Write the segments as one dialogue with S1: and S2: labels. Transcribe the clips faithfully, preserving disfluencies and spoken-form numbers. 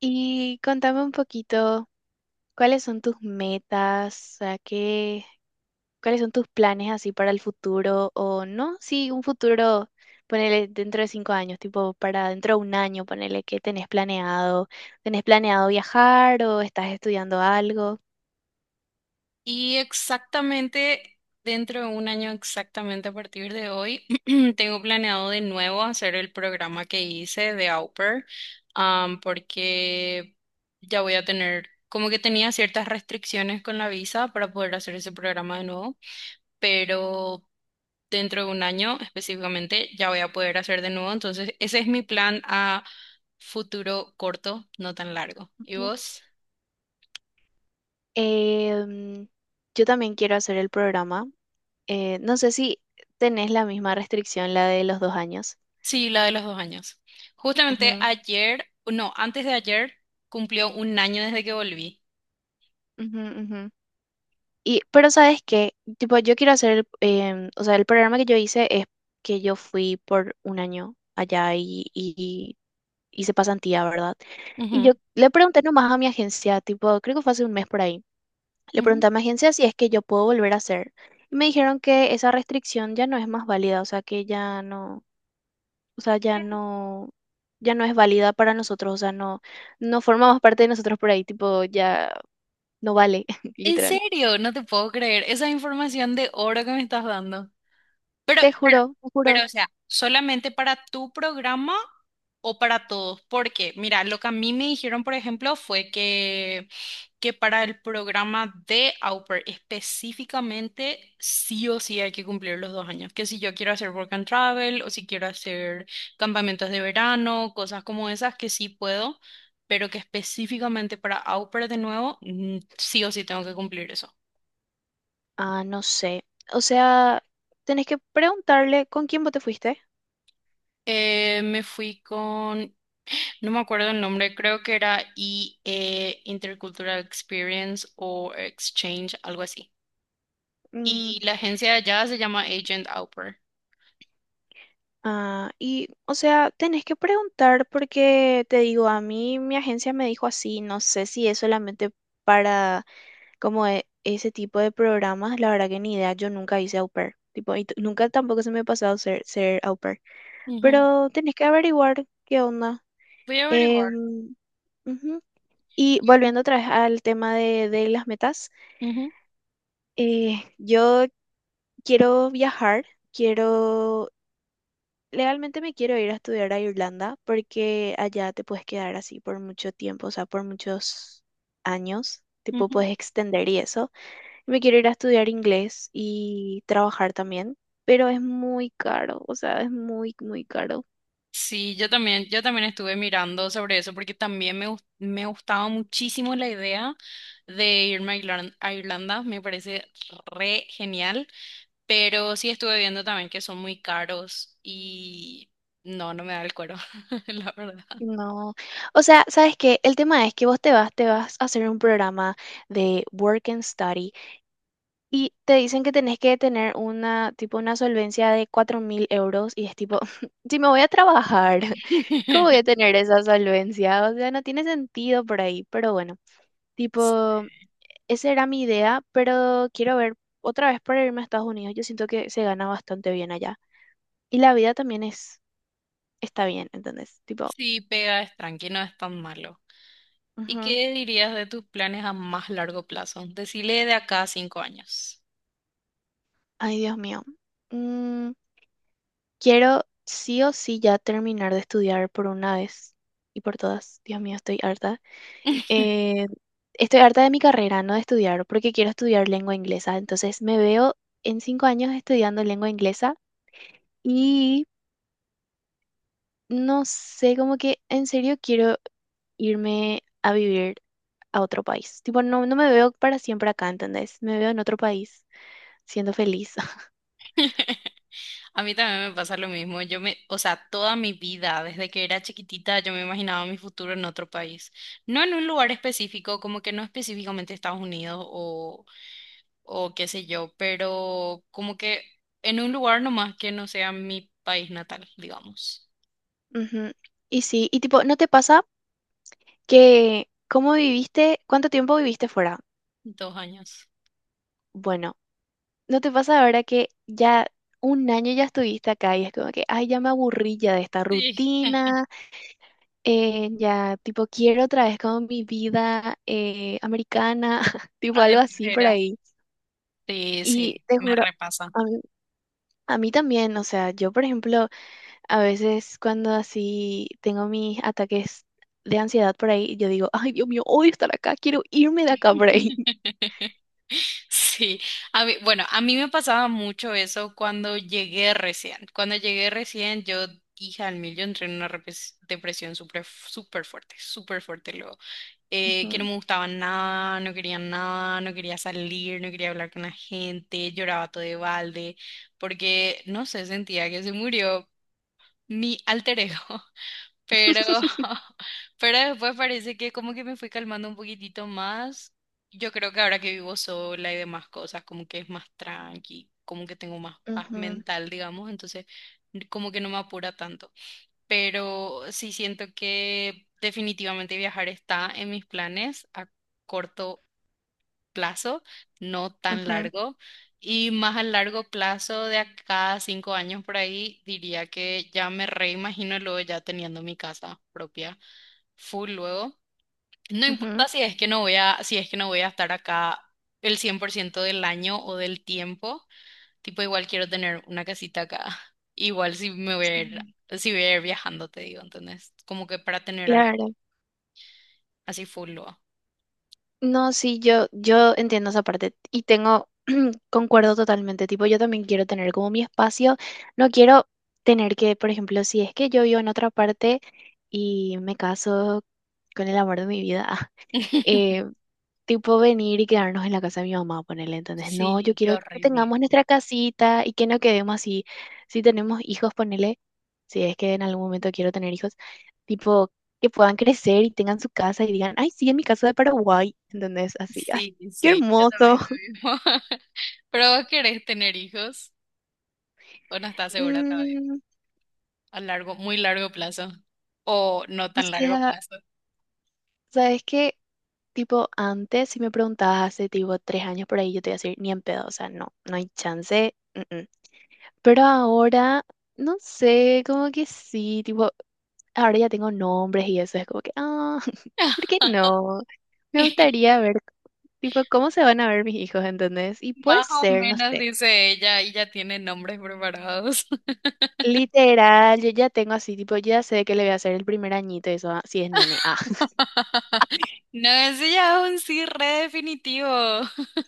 S1: Y contame un poquito, ¿cuáles son tus metas? O ¿qué, cuáles son tus planes así para el futuro? O no, sí, un futuro, ponele dentro de cinco años, tipo para dentro de un año, ponele qué tenés planeado. ¿Tenés planeado viajar o estás estudiando algo?
S2: Y exactamente dentro de un año, exactamente a partir de hoy, tengo planeado de nuevo hacer el programa que hice de Au Pair, am, porque ya voy a tener, como que tenía ciertas restricciones con la visa para poder hacer ese programa de nuevo, pero dentro de un año específicamente ya voy a poder hacer de nuevo. Entonces, ese es mi plan a futuro corto, no tan largo. ¿Y
S1: Ujú.
S2: vos?
S1: Em, yo también quiero hacer el programa. Eh, no sé si tenés la misma restricción, la de los dos años.
S2: Sí, la de los dos años. Justamente
S1: Ujú,
S2: ayer, no, antes de ayer, cumplió un año desde que volví.
S1: ujú, ujú. Y, pero sabes qué, tipo, yo quiero hacer, el- em, o sea, el programa que yo hice es que yo fui por un año allá y, y hice pasantía, ¿verdad? Y yo
S2: Ujú,
S1: le pregunté nomás a mi agencia, tipo, creo que fue hace un mes por ahí, le
S2: ujú.
S1: pregunté a mi agencia si es que yo puedo volver a hacer. Y me dijeron que esa restricción ya no es más válida, o sea, que ya no, o sea, ya no, ya no es válida para nosotros, o sea, no, no formamos parte de nosotros por ahí, tipo, ya no vale,
S2: ¿En
S1: literal.
S2: serio? No te puedo creer. Esa información de oro que me estás dando. Pero,
S1: Te
S2: pero,
S1: juro, te
S2: pero,
S1: juro.
S2: o sea, ¿solamente para tu programa o para todos? Porque, mira, lo que a mí me dijeron, por ejemplo, fue que, que para el programa de Au Pair específicamente, sí o sí hay que cumplir los dos años. Que si yo quiero hacer work and travel o si quiero hacer campamentos de verano, cosas como esas, que sí puedo, pero que específicamente para Au Pair de nuevo, mm, sí o sí tengo que cumplir eso.
S1: Ah, no sé. O sea, tenés que preguntarle con quién vos te fuiste.
S2: Eh, me fui con no me acuerdo el nombre, creo que era I E Intercultural Experience o Exchange, algo así.
S1: Mm,
S2: Y la agencia de allá se llama Agent Outper.
S1: ah, y, o sea, tenés que preguntar porque te digo, a mí mi agencia me dijo así, no sé si es solamente para como e- ese tipo de programas, la verdad que ni idea, yo nunca hice au pair. Tipo, y t- nunca tampoco se me ha pasado ser, ser, au pair.
S2: Ujú.
S1: Pero tenés que averiguar qué onda.
S2: Voy a averiguar.
S1: Em, ujú. Y volviendo otra vez al tema de, de las metas.
S2: Ujú,
S1: Eh, yo quiero viajar, quiero, legalmente me quiero ir a estudiar a Irlanda porque allá te puedes quedar así por mucho tiempo, o sea, por muchos años, tipo
S2: ujú.
S1: puedes extender y eso. Me quiero ir a estudiar inglés y trabajar también, pero es muy caro, o sea, es muy, muy caro.
S2: Sí, yo también, yo también estuve mirando sobre eso porque también me, gus- me gustaba muchísimo la idea de irme a Irlan- a Irlanda, me parece re genial, pero sí estuve viendo también que son muy caros y no, no me da el cuero, la verdad.
S1: No, o sea, ¿sabes qué? El tema es que vos te vas, te vas a hacer un programa de work and study. Y te dicen que tenés que tener una, tipo, una solvencia de cuatro mil euros y es tipo, si me voy a trabajar, ¿cómo voy a tener esa solvencia? O sea, no tiene sentido por ahí, pero bueno, tipo, esa era mi idea, pero quiero ver otra vez para irme a Estados Unidos. Yo siento que se gana bastante bien allá. Y la vida también es, está bien, ¿entendés? Tipo,
S2: Sí, pega, es tranqui, no es tan malo. ¿Y
S1: ujú.
S2: qué dirías de tus planes a más largo plazo? Decile de acá a cinco años.
S1: Ay, Dios mío. Mm, quiero sí o sí ya terminar de estudiar por una vez y por todas. Dios mío, estoy harta. Eh, estoy harta de mi carrera, no de estudiar, porque quiero estudiar lengua inglesa. Entonces me veo en cinco años estudiando lengua inglesa y no sé, como que en serio quiero irme a vivir a otro país. Tipo, no, no me veo para siempre acá, ¿entendés? Me veo en otro país siendo feliz.
S2: A mí también me pasa lo mismo. Yo me, o sea, toda mi vida, desde que era chiquitita, yo me imaginaba mi futuro en otro país. No en un lugar específico, como que no específicamente Estados Unidos o, o qué sé yo, pero como que en un lugar nomás que no sea mi país natal, digamos.
S1: Ujú. Y sí, y tipo, ¿no te pasa que cómo viviste, cuánto tiempo viviste fuera?
S2: Dos años.
S1: Bueno. ¿No te pasa ahora que ya un año ya estuviste acá y es como que, ay, ya me aburrí ya de esta
S2: Sí,
S1: rutina, eh, ya tipo quiero otra vez como mi vida eh, americana, tipo algo
S2: Argentina
S1: así por
S2: era.
S1: ahí?
S2: Sí,
S1: Y
S2: sí,
S1: te
S2: me
S1: juro,
S2: repasa.
S1: a mí, a mí también, o sea, yo por ejemplo a veces cuando así tengo mis ataques de ansiedad por ahí, yo digo, ay, Dios mío, odio estar acá, quiero irme de acá por ahí.
S2: Sí, a mí, bueno, a mí me pasaba mucho eso cuando llegué recién. Cuando llegué recién, yo, hija al mil, yo entré en una repres- depresión súper súper fuerte, súper fuerte luego. Eh, que no
S1: Ujú,
S2: me gustaba nada, no quería nada, no quería salir, no quería hablar con la gente, lloraba todo de balde, porque, no sé, sentía que se murió mi alter ego. Pero, pero después parece que como que me fui calmando un poquitito más. Yo creo que ahora que vivo sola y demás cosas, como que es más tranqui, como que tengo más paz
S1: ujú,
S2: mental, digamos, entonces como que no me apura tanto. Pero sí siento que definitivamente viajar está en mis planes a corto plazo, no tan
S1: ujú,
S2: largo. Y más a largo plazo, de acá a cinco años por ahí, diría que ya me reimagino luego ya teniendo mi casa propia, full luego. No
S1: ujú.
S2: importa si es que no voy a, si es que no voy a estar acá el cien por ciento del año o del tiempo, tipo igual quiero tener una casita acá. Igual si me voy a ir,
S1: Sí.
S2: si voy a ir viajando, te digo, ¿entendés? Como que para tener algo
S1: Claro.
S2: así full luego.
S1: No, sí, yo, yo entiendo esa parte y tengo, concuerdo totalmente, tipo, yo también quiero tener como mi espacio, no quiero tener que, por ejemplo, si es que yo vivo en otra parte y me caso con el amor de mi vida, tipo venir y quedarnos en la casa de mi mamá, ponele. Entonces, no, yo
S2: Sí, qué
S1: quiero que
S2: horrible.
S1: tengamos nuestra casita y que no quedemos así. Si tenemos hijos, ponele, si es que en algún momento quiero tener hijos, tipo que puedan crecer y tengan su casa y digan, ay, sí, en mi casa de Paraguay. Entonces, así, ay,
S2: Sí,
S1: qué
S2: sí, yo
S1: hermoso.
S2: también lo mismo. ¿Pero vos querés tener hijos o no estás segura todavía?
S1: Mm,
S2: A largo, muy largo plazo o no
S1: o
S2: tan largo
S1: sea,
S2: plazo.
S1: ¿sabes qué? Tipo, antes, si me preguntabas hace tipo tres años por ahí, yo te iba a decir, ni en pedo, o sea, no, no hay chance. mm, mm". Pero ahora, no sé, como que sí, tipo, ahora ya tengo nombres y eso es como que, ah, ¿por qué no? Me gustaría ver, tipo, cómo se van a ver mis hijos, ¿entendés? Y puede
S2: Más o
S1: ser, no
S2: menos
S1: sé.
S2: dice ella y ya tiene nombres preparados.
S1: Literal, yo ya tengo así, tipo, ya sé que le voy a hacer el primer añito, y eso, ah, si es nene, ah.
S2: No, ese ya es un sí re definitivo.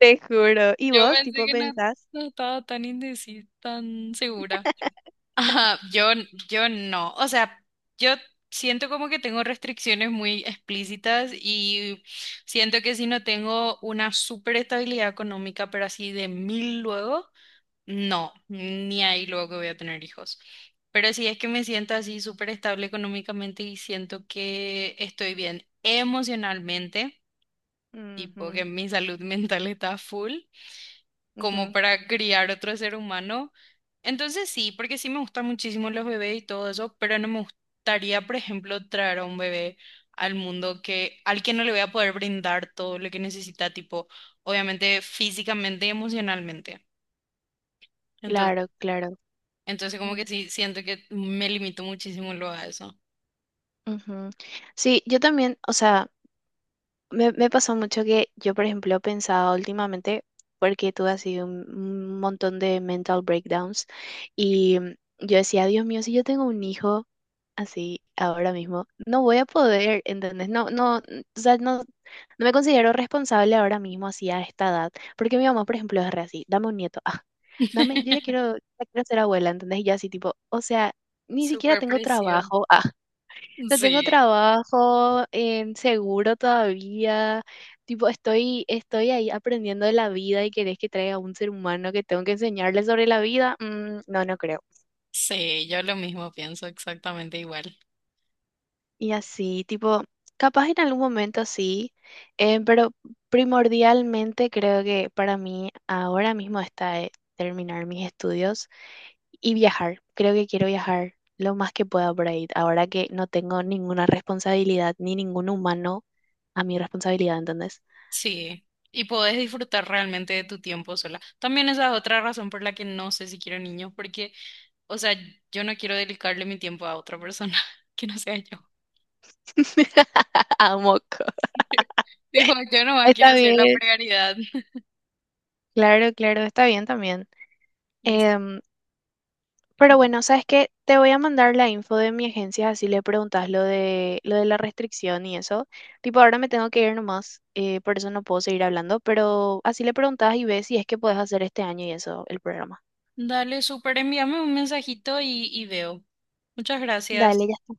S1: Te juro. ¿Y
S2: Yo
S1: vos,
S2: pensé
S1: tipo,
S2: que no,
S1: pensás?
S2: no estaba tan indecisa, tan segura. Ajá, yo, yo no. O sea, yo siento como que tengo restricciones muy explícitas y siento que si no tengo una súper estabilidad económica, pero así de mil luego, no, ni ahí luego que voy a tener hijos. Pero si es que me siento así súper estable económicamente y siento que estoy bien emocionalmente, tipo
S1: Ujú,
S2: que mi salud mental está full como
S1: ujú.
S2: para criar otro ser humano. Entonces sí, porque sí me gustan muchísimo los bebés y todo eso, pero no me gustaría, por ejemplo, traer a un bebé al mundo que, al que no le voy a poder brindar todo lo que necesita, tipo, obviamente físicamente y emocionalmente. Entonces,
S1: Claro, claro.
S2: entonces como
S1: Mm,
S2: que sí, siento que me limito muchísimo luego a eso.
S1: ujú. Sí, yo también, o sea. Me, me pasó mucho que yo, por ejemplo, pensaba últimamente, porque tuve así un, un montón de mental breakdowns, y mm, yo decía, Dios mío, si yo tengo un hijo así ahora mismo, no voy a poder, ¿entendés? No, no, n- o sea, no, no me considero responsable ahora mismo así a esta edad, porque mi mamá, por ejemplo, es re así, dame un nieto, ah, dame, yo ya quiero, ya quiero ser abuela, ¿entendés? Y yo así tipo, o sea, ni siquiera
S2: Super
S1: tengo
S2: presión.
S1: trabajo, ah, no tengo
S2: Sí,
S1: trabajo en seguro todavía. Tipo, estoy, estoy ahí aprendiendo de la vida y querés que traiga un ser humano que tengo que enseñarle sobre la vida. Mm, no, no creo.
S2: sí, yo lo mismo pienso exactamente igual.
S1: Y así, tipo, capaz en algún momento sí, eh, pero primordialmente creo que para mí ahora mismo está eh, terminar mis estudios y viajar. Creo que quiero viajar lo más que pueda por ahí, ahora que no tengo ninguna responsabilidad ni ningún humano a mi responsabilidad, ¿entendés?
S2: Sí, y podés disfrutar realmente de tu tiempo sola. También esa es otra razón por la que no sé si quiero niños, porque, o sea, yo no quiero dedicarle mi tiempo a otra persona que no sea yo.
S1: A moco.
S2: Digo, yo nomás
S1: Está
S2: quiero ser la
S1: bien,
S2: prioridad.
S1: claro, claro, está bien también.
S2: Y es-
S1: Em, pero bueno, ¿sabes qué? Te voy a mandar la info de mi agencia, así le preguntas lo de, lo de, la restricción y eso. Tipo, ahora me tengo que ir nomás, eh, por eso no puedo seguir hablando, pero así le preguntas y ves si es que puedes hacer este año y eso, el programa.
S2: Dale, súper, envíame un mensajito y, y veo. Muchas
S1: Dale,
S2: gracias.
S1: ya está.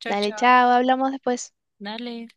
S2: Chao,
S1: Dale,
S2: chao.
S1: chao, hablamos después.
S2: Dale.